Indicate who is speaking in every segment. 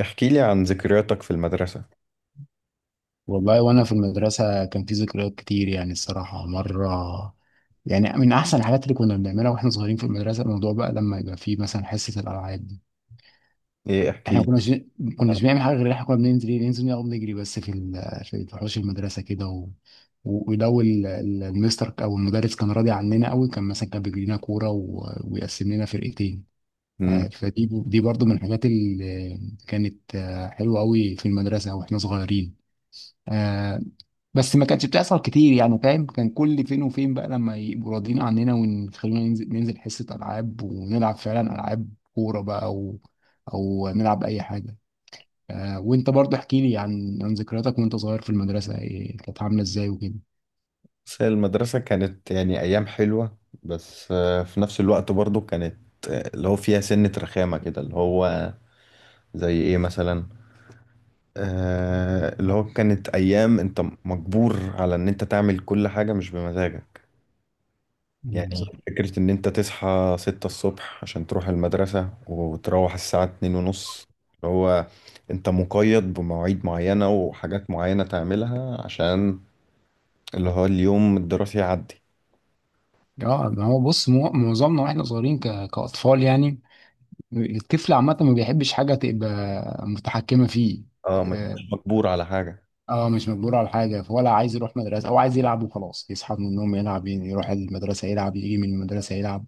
Speaker 1: احكي لي عن ذكرياتك في المدرسة.
Speaker 2: والله وانا في المدرسه كان في ذكريات كتير يعني الصراحه مره. يعني من احسن الحاجات اللي كنا بنعملها واحنا صغيرين في المدرسه الموضوع بقى لما يبقى في مثلا حصه الالعاب دي.
Speaker 1: ايه، احكي
Speaker 2: احنا ما
Speaker 1: لي.
Speaker 2: كناش ما كناش بنعمل حاجه غير إن احنا كنا بننزل إيه؟ ننزل نقعد نجري بس في ال- في في حوش المدرسه كده ولو المستر او المدرس كان راضي عننا قوي كان مثلا كان بيجري لنا كوره ويقسم لنا فرقتين.
Speaker 1: مم.
Speaker 2: فدي دي برضو من الحاجات اللي كانت حلوه قوي في المدرسه واحنا صغيرين. آه، بس ما كانتش بتحصل كتير يعني فاهم، كان كل فين وفين بقى لما يبقوا راضيين عننا ويخلونا ننزل ننزل حصة ألعاب ونلعب فعلا ألعاب، كورة بقى أو أو نلعب أي حاجة. آه، وأنت برضه احكي لي عن ذكرياتك وأنت صغير في المدرسة، إيه كانت عاملة إزاي وكده؟
Speaker 1: بس هي المدرسة كانت يعني ايام حلوة. بس في نفس الوقت برضو كانت اللي هو فيها سنة رخامة كده اللي هو. زي ايه مثلا؟ اللي هو كانت ايام انت مجبور على ان انت تعمل كل حاجة مش بمزاجك.
Speaker 2: مم،
Speaker 1: يعني
Speaker 2: صح.
Speaker 1: فكرة ان انت تصحى 6 الصبح عشان تروح المدرسة، وتروح الساعة 2:30. اللي هو انت مقيد بمواعيد معينة وحاجات معينة تعملها عشان اللي هو اليوم الدراسي يعدي.
Speaker 2: اه، ما هو بص، معظمنا واحنا صغيرين كأطفال يعني، الطفل عامة ما بيحبش حاجة تبقى متحكمة فيه.
Speaker 1: اه، ما
Speaker 2: آه،
Speaker 1: يبقاش مجبور على حاجة.
Speaker 2: اه مش مجبور على حاجة ولا عايز يروح مدرسة، هو عايز يلعب وخلاص، يصحى من النوم يلعب يعني، يروح المدرسة يلعب، يجي من المدرسة يلعب.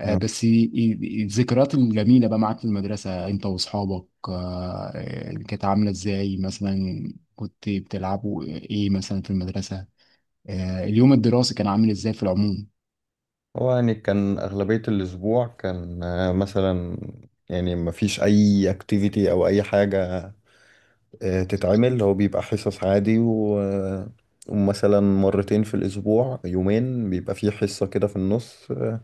Speaker 2: آه،
Speaker 1: آه.
Speaker 2: بس الذكريات الجميلة بقى معاك في المدرسة انت واصحابك كانت عاملة ازاي مثلا؟ كنت بتلعبوا ايه مثلا في المدرسة؟ آه، اليوم الدراسي كان عامل ازاي في العموم؟
Speaker 1: هو يعني كان أغلبية الأسبوع كان مثلا، يعني ما فيش أي اكتيفيتي أو أي حاجة تتعمل. هو بيبقى حصص عادي و... آه، ومثلا مرتين في الأسبوع، يومين بيبقى فيه حصة كده في النص،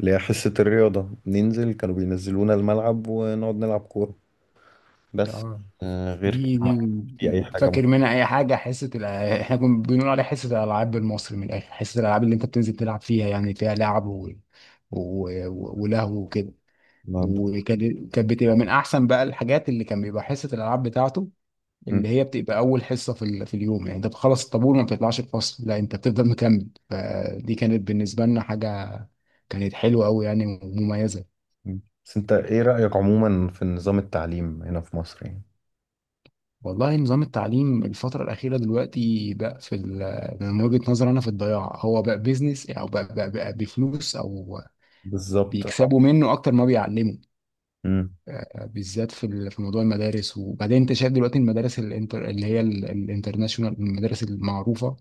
Speaker 1: اللي هي حصة الرياضة، ننزل، كانوا بينزلونا الملعب ونقعد نلعب كورة بس.
Speaker 2: اه،
Speaker 1: غير كده ما في أي حاجة.
Speaker 2: فاكر منها اي حاجه؟ احنا كنا بنقول عليها حصه الالعاب، بالمصري من الاخر حصه الالعاب، اللي انت بتنزل تلعب فيها يعني فيها لعب ولهو وكده. وكانت كانت بتبقى من احسن بقى الحاجات اللي كان بيبقى حصه الالعاب بتاعته، اللي هي بتبقى اول حصه في اليوم يعني، انت بتخلص الطابور وما بتطلعش الفصل، لا انت بتفضل مكمل، فدي كانت بالنسبه لنا حاجه كانت حلوه قوي يعني ومميزه.
Speaker 1: مم. بس انت ايه رأيك عموما في نظام التعليم هنا في مصر يعني؟
Speaker 2: والله نظام التعليم الفترة الأخيرة دلوقتي بقى من وجهة نظري أنا في الضياع، هو بقى بيزنس أو بقى بفلوس، أو
Speaker 1: بالظبط، اه.
Speaker 2: بيكسبوا منه أكتر ما بيعلموا.
Speaker 1: مم.
Speaker 2: آه، بالذات في موضوع المدارس، وبعدين أنت شايف دلوقتي المدارس الانتر اللي هي الانترناشونال، المدارس المعروفة،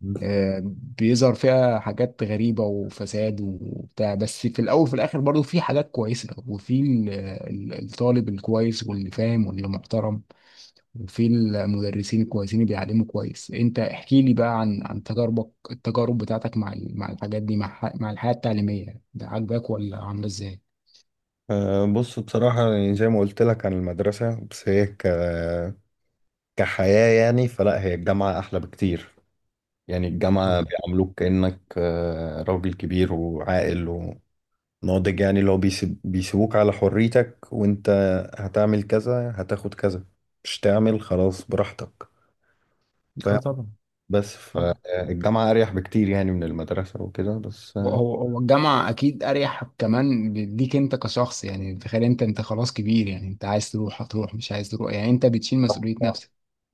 Speaker 1: مم.
Speaker 2: آه، بيظهر فيها حاجات غريبة وفساد وبتاع، بس في الأول وفي الآخر برضه في حاجات كويسة، وفي الطالب الكويس واللي فاهم واللي محترم، وفي المدرسين الكويسين اللي بيعلموا كويس. انت احكي لي بقى عن عن تجاربك، التجارب بتاعتك مع مع الحاجات دي، مع مع الحياة التعليمية، ده عاجباك ولا عاملة ازاي؟
Speaker 1: بص، بصراحة يعني زي ما قلت لك عن المدرسة، بس هي كحياة يعني، فلا هي الجامعة أحلى بكتير. يعني الجامعة
Speaker 2: طبعا.
Speaker 1: بيعاملوك كأنك راجل كبير وعاقل وناضج. يعني لو بيسيبوك على حريتك، وانت هتعمل كذا، هتاخد كذا، مش تعمل خلاص براحتك،
Speaker 2: اه
Speaker 1: فاهم.
Speaker 2: طبعا.
Speaker 1: بس
Speaker 2: طبعا.
Speaker 1: فالجامعة أريح بكتير يعني من المدرسة وكده بس.
Speaker 2: هو الجامعة أكيد أريح كمان ليك أنت كشخص يعني، تخيل أنت، أنت خلاص كبير يعني، أنت عايز تروح هتروح، مش عايز تروح يعني، أنت بتشيل مسؤولية.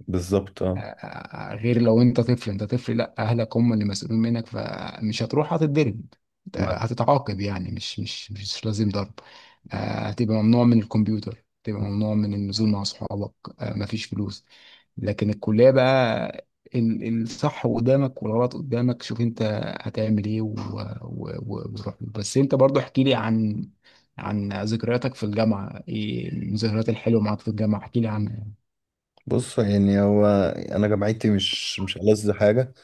Speaker 1: بالظبط، اه.
Speaker 2: آه، غير لو انت طفل، انت طفل لا، اهلك هم اللي مسؤولين منك، فمش هتروح هتتضرب،
Speaker 1: ما-
Speaker 2: آه، هتتعاقب يعني، مش لازم ضرب، آه، هتبقى ممنوع من الكمبيوتر، هتبقى ممنوع من النزول مع اصحابك، آه، مفيش فلوس. لكن الكلية بقى، الصح قدامك والغلط قدامك، شوف انت هتعمل ايه وروح له. بس انت برضو احكي لي عن عن ذكرياتك في الجامعة، ايه الذكريات الحلوة معاك في الجامعة، احكي لي عنها.
Speaker 1: بص، يعني هو انا جامعتي مش ألذ حاجه.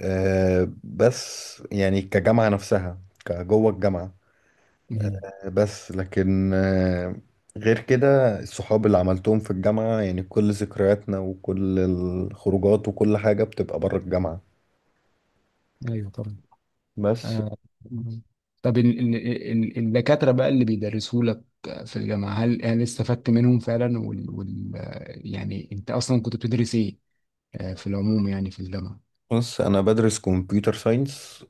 Speaker 1: بس يعني كجامعه نفسها، كجوه الجامعه،
Speaker 2: مم.
Speaker 1: بس لكن غير كده الصحاب اللي عملتهم في الجامعه، يعني كل ذكرياتنا وكل الخروجات وكل حاجه بتبقى بره الجامعه
Speaker 2: ايوه طبعا.
Speaker 1: بس.
Speaker 2: آه. مم. طب الدكاترة بقى اللي بيدرسوا لك في الجامعة، هل هل استفدت منهم فعلا يعني انت اصلا كنت بتدرس ايه؟ آه، في العموم يعني في الجامعة.
Speaker 1: بص، انا بدرس كمبيوتر ساينس.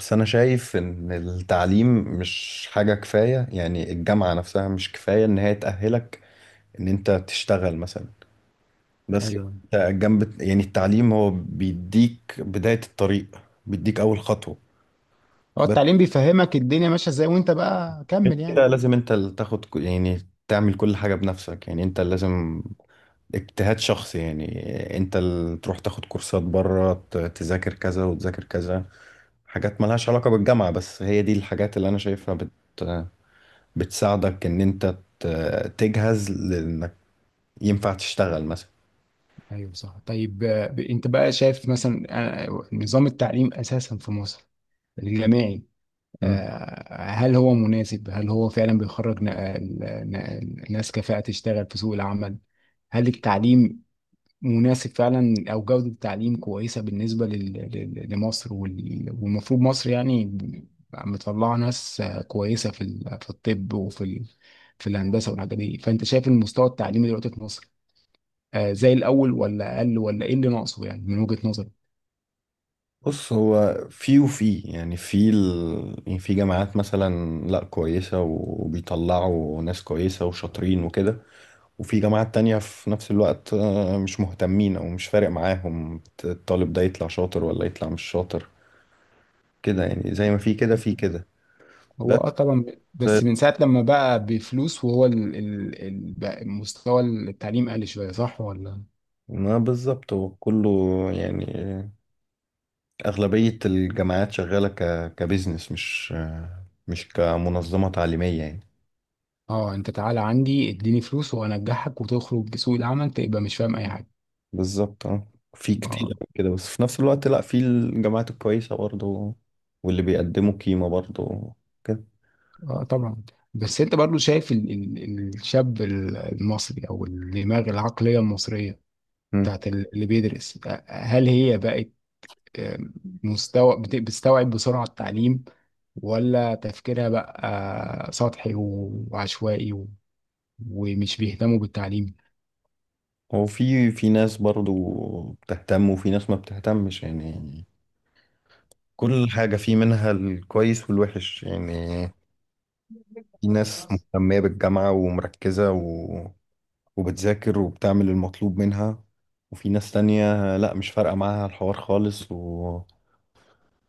Speaker 1: بس انا شايف ان التعليم مش حاجه كفايه. يعني الجامعه نفسها مش كفايه ان هي تأهلك ان انت تشتغل مثلا. بس
Speaker 2: ايوه.
Speaker 1: انت جنب يعني التعليم هو بيديك بداية الطريق، بيديك اول خطوة.
Speaker 2: هو
Speaker 1: بس
Speaker 2: التعليم بيفهمك الدنيا ماشية ازاي وانت بقى
Speaker 1: غير
Speaker 2: كمل
Speaker 1: كده
Speaker 2: يعني.
Speaker 1: لازم انت اللي تاخد يعني تعمل كل حاجة بنفسك. يعني انت لازم اجتهاد شخصي. يعني انت اللي تروح تاخد كورسات بره، تذاكر كذا وتذاكر كذا، حاجات ملهاش علاقة بالجامعة. بس هي دي الحاجات اللي انا شايفها بتساعدك ان انت تجهز لانك ينفع تشتغل مثلا.
Speaker 2: ايوه صح، طيب آه، انت بقى شايف مثلا آه، نظام التعليم اساسا في مصر، الجامعي، آه، هل هو مناسب، هل هو فعلا بيخرج ناس كفاءة تشتغل في سوق العمل؟ هل التعليم مناسب فعلا، او جوده التعليم كويسه بالنسبه لمصر، والمفروض مصر يعني بقى مطلعه ناس كويسه في في الطب، وفي في الهندسه والحاجات دي، فانت شايف المستوى التعليمي دلوقتي في مصر آه، زي الاول ولا اقل، ولا ايه اللي ناقصه يعني من وجهه نظرك؟
Speaker 1: بص، هو في وفي يعني في يعني في جامعات مثلا لا كويسة، وبيطلعوا ناس كويسة وشاطرين وكده. وفي جامعات تانية في نفس الوقت مش مهتمين، أو مش فارق معاهم الطالب ده يطلع شاطر ولا يطلع مش شاطر. كده يعني، زي ما في كده في كده
Speaker 2: هو
Speaker 1: بس.
Speaker 2: اه طبعا. بس من ساعه لما بقى بفلوس، وهو بقى مستوى التعليم قل شويه، صح ولا؟
Speaker 1: ما بالظبط، هو كله يعني أغلبية الجامعات شغالة كبزنس، مش كمنظمة تعليمية يعني.
Speaker 2: اه انت تعالى عندي اديني فلوس وانجحك، وتخرج سوق العمل تبقى مش فاهم اي حاجه.
Speaker 1: بالظبط، اه. في كتير
Speaker 2: اه.
Speaker 1: أوي كده، بس في نفس الوقت لا، في الجامعات الكويسة برضو واللي بيقدموا قيمة برضو كده.
Speaker 2: اه طبعا. بس انت برضو شايف ال الشاب المصري، او الدماغ العقليه المصريه
Speaker 1: مم.
Speaker 2: بتاعت اللي بيدرس، آه، هل هي بقت آه، مستوى بتستوعب بسرعه التعليم، ولا تفكيرها بقى آه، سطحي وعشوائي ومش بيهتموا بالتعليم؟
Speaker 1: هو في ناس برضو بتهتم، وفي ناس ما بتهتمش يعني. كل حاجة في منها الكويس والوحش يعني. في ناس مهتمة بالجامعة ومركزة، وبتذاكر وبتعمل المطلوب منها. وفي ناس تانية لا، مش فارقة معاها الحوار خالص،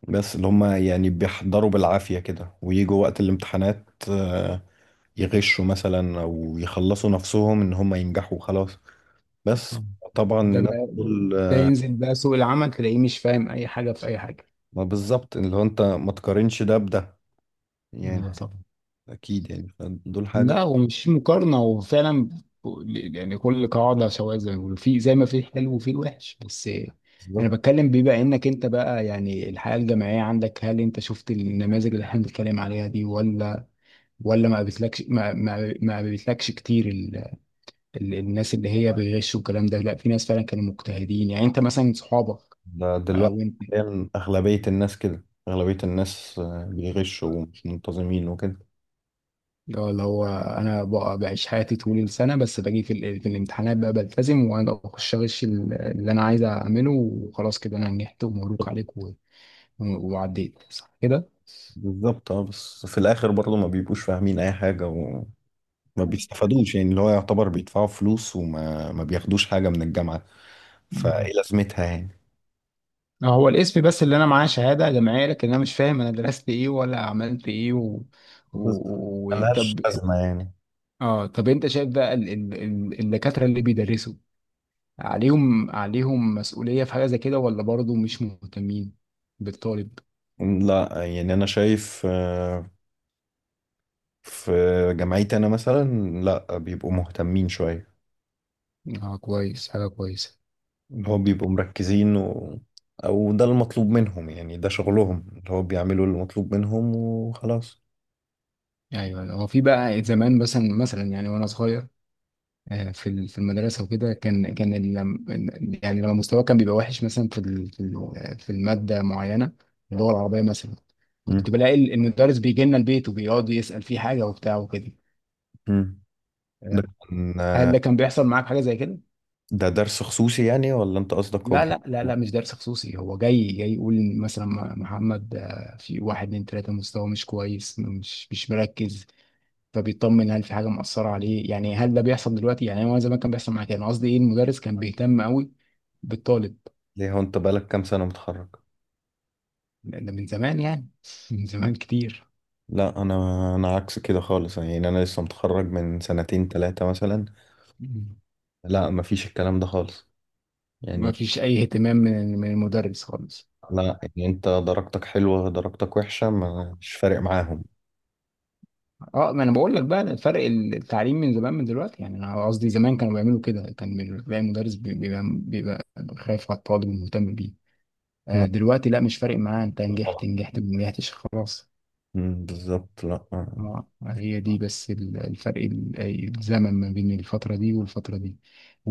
Speaker 1: بس اللي هم يعني بيحضروا بالعافية كده، ويجوا وقت الامتحانات، يغشوا مثلا، او يخلصوا نفسهم ان هم ينجحوا خلاص بس.
Speaker 2: آه.
Speaker 1: طبعا
Speaker 2: ده
Speaker 1: الناس
Speaker 2: بقى،
Speaker 1: دول
Speaker 2: ده
Speaker 1: آه،
Speaker 2: ينزل بقى سوق العمل تلاقيه مش فاهم اي حاجه في اي حاجه.
Speaker 1: ما بالظبط اللي هو انت ما تقارنش ده بده يعني،
Speaker 2: آه، طبعا.
Speaker 1: اكيد يعني دول حاجة.
Speaker 2: لا، ومش مقارنة وفعلا، يعني كل قاعدة سواء زي ما بيقولوا، في زي ما في الحلو وفي الوحش بس. أنا
Speaker 1: بالظبط.
Speaker 2: بتكلم بما إنك أنت بقى يعني الحياة الجامعية عندك، هل أنت شفت النماذج اللي إحنا بنتكلم عليها دي، ولا ولا ما قابلتلكش، ما قابلتلكش كتير ال الناس اللي هي بيغشوا والكلام ده؟ لا في ناس فعلا كانوا مجتهدين يعني، أنت مثلا صحابك
Speaker 1: ده
Speaker 2: آه،
Speaker 1: دلوقتي
Speaker 2: وانت.
Speaker 1: حالياً اغلبية الناس كده، اغلبية الناس بيغشوا ومش منتظمين وكده.
Speaker 2: اللي هو اللي هو انا بقى بعيش حياتي طول السنه، بس باجي في الامتحانات بقى بلتزم وانا بخش اغش اللي انا عايز اعمله، وخلاص كده انا نجحت ومبروك عليك وعديت، صح كده؟
Speaker 1: بالظبط، اه. بس في الاخر برضه ما بيبقوش فاهمين اي حاجة، ما بيستفادوش يعني. اللي هو يعتبر بيدفعوا فلوس وما ما بياخدوش حاجة من الجامعة،
Speaker 2: مم.
Speaker 1: فايه لازمتها يعني.
Speaker 2: آه، هو الاسم بس اللي انا معاه، شهاده جامعيه، لكن انا مش فاهم انا درست ايه ولا عملت ايه
Speaker 1: بالظبط.
Speaker 2: و...
Speaker 1: ملهاش
Speaker 2: طب.
Speaker 1: لازمة يعني.
Speaker 2: اه طب انت شايف بقى الدكاتره اللي بيدرسوا، عليهم عليهم مسؤوليه في حاجه زي كده، ولا برضه مش مهتمين بالطالب؟
Speaker 1: لا، يعني أنا شايف في جامعتي أنا مثلا لا، بيبقوا مهتمين شوية.
Speaker 2: اه كويس، حاجه كويسه.
Speaker 1: اللي هو بيبقوا مركزين، أو ده المطلوب منهم يعني، ده شغلهم، اللي هو بيعملوا المطلوب منهم وخلاص.
Speaker 2: ايوه هو في بقى زمان مثلا مثلا يعني، وانا صغير آه، في في المدرسه وكده، كان يعني لما مستواي كان بيبقى وحش مثلا في الماده معينه، اللغه العربيه مثلا،
Speaker 1: مم.
Speaker 2: كنت بلاقي المدرس بيجي لنا البيت وبيقعد يسال فيه حاجه وبتاع وكده،
Speaker 1: مم. ده
Speaker 2: آه،
Speaker 1: كان-
Speaker 2: هل ده كان بيحصل معاك حاجه زي كده؟
Speaker 1: ده درس خصوصي يعني؟ ولا أنت قصدك هو
Speaker 2: لا لا لا لا مش درس خصوصي، هو جاي، جاي يقول مثلا محمد آه، في واحد اتنين تلاته مستواه مش كويس، مش مركز، فبيطمن هل في حاجه مأثره عليه يعني، هل ده بيحصل دلوقتي يعني؟ هو زمان كان بيحصل معايا كده، انا قصدي ايه، المدرس كان بيهتم قوي بالطالب.
Speaker 1: ليه هو أنت بقالك كام سنة متخرج؟
Speaker 2: ده من زمان يعني من زمان كتير.
Speaker 1: لا انا عكس كده خالص. يعني انا لسه متخرج من سنتين 3 مثلا. لا، مفيش الكلام ده خالص
Speaker 2: ما
Speaker 1: يعني.
Speaker 2: فيش اي اهتمام من من المدرس خالص.
Speaker 1: لا يعني انت درجتك حلوة، درجتك وحشة، مش فارق معاهم.
Speaker 2: اه، ما انا بقول لك بقى فرق التعليم من زمان من دلوقتي يعني، انا قصدي زمان كانوا بيعملوا كده، كان بيلاقي مدرس بيبقى بيبقى خايف على الطالب ومهتم بيه، آه،
Speaker 1: لا،
Speaker 2: دلوقتي لا مش فارق معاه، انت نجحت
Speaker 1: طبعا.
Speaker 2: نجحت، ما نجحتش خلاص.
Speaker 1: بالظبط، لا.
Speaker 2: اه، هي دي بس الفرق، الزمن ما بين الفترة دي والفترة دي.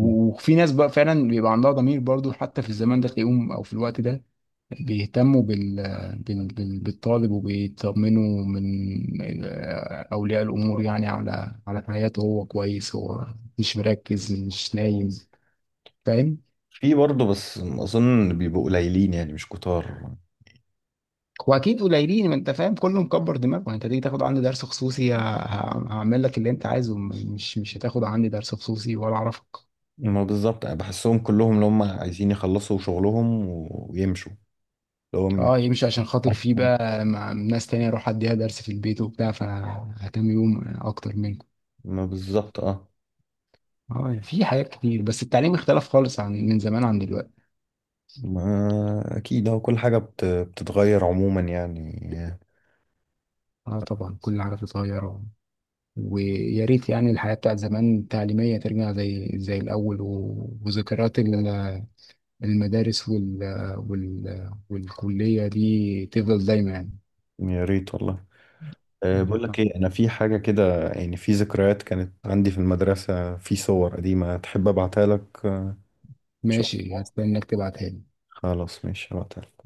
Speaker 1: أمم.
Speaker 2: وفي ناس بقى فعلا بيبقى عندها ضمير برضو حتى في الزمان ده تلاقيهم، او في الوقت ده بيهتموا بالطالب، وبيطمنوا من ال- اولياء الامور يعني، على على حياته، هو كويس، هو مش مركز، مش نايم، فاهم؟
Speaker 1: في برضه، بس اظن بيبقوا قليلين يعني مش كتار.
Speaker 2: واكيد قليلين، ما انت فاهم، كله مكبر دماغه يعني، انت تيجي تاخد عندي درس خصوصي هعمل لك اللي انت عايزه، مش مش هتاخد عندي درس خصوصي ولا اعرفك.
Speaker 1: ما بالظبط، أنا بحسهم كلهم اللي هم عايزين يخلصوا شغلهم، ويمشوا، اللي هم
Speaker 2: اه يمشي عشان خاطر فيه بقى، مع ناس تانية اروح اديها درس في البيت وبتاع، فهتم بيهم اكتر منكم.
Speaker 1: ما بالظبط، اه.
Speaker 2: اه يعني في حاجات كتير، بس التعليم اختلف خالص عن من زمان عن دلوقتي.
Speaker 1: ما اكيد، هو كل حاجه بتتغير عموما يعني.
Speaker 2: اه طبعا، كل حاجة بتتغير، ويا ريت يعني الحياة بتاعت زمان تعليمية ترجع زي زي الأول، وذكريات المدارس والكلية دي تفضل دايما يعني.
Speaker 1: يا ريت والله. أه، بقول لك
Speaker 2: طب
Speaker 1: ايه، انا في حاجه كده، يعني في ذكريات كانت عندي في المدرسه، في صور قديمه تحب ابعتها لك. تشوفها؟
Speaker 2: ماشي، هستناك تبعتها لي.
Speaker 1: خلاص، ماشي، هبعتها لك.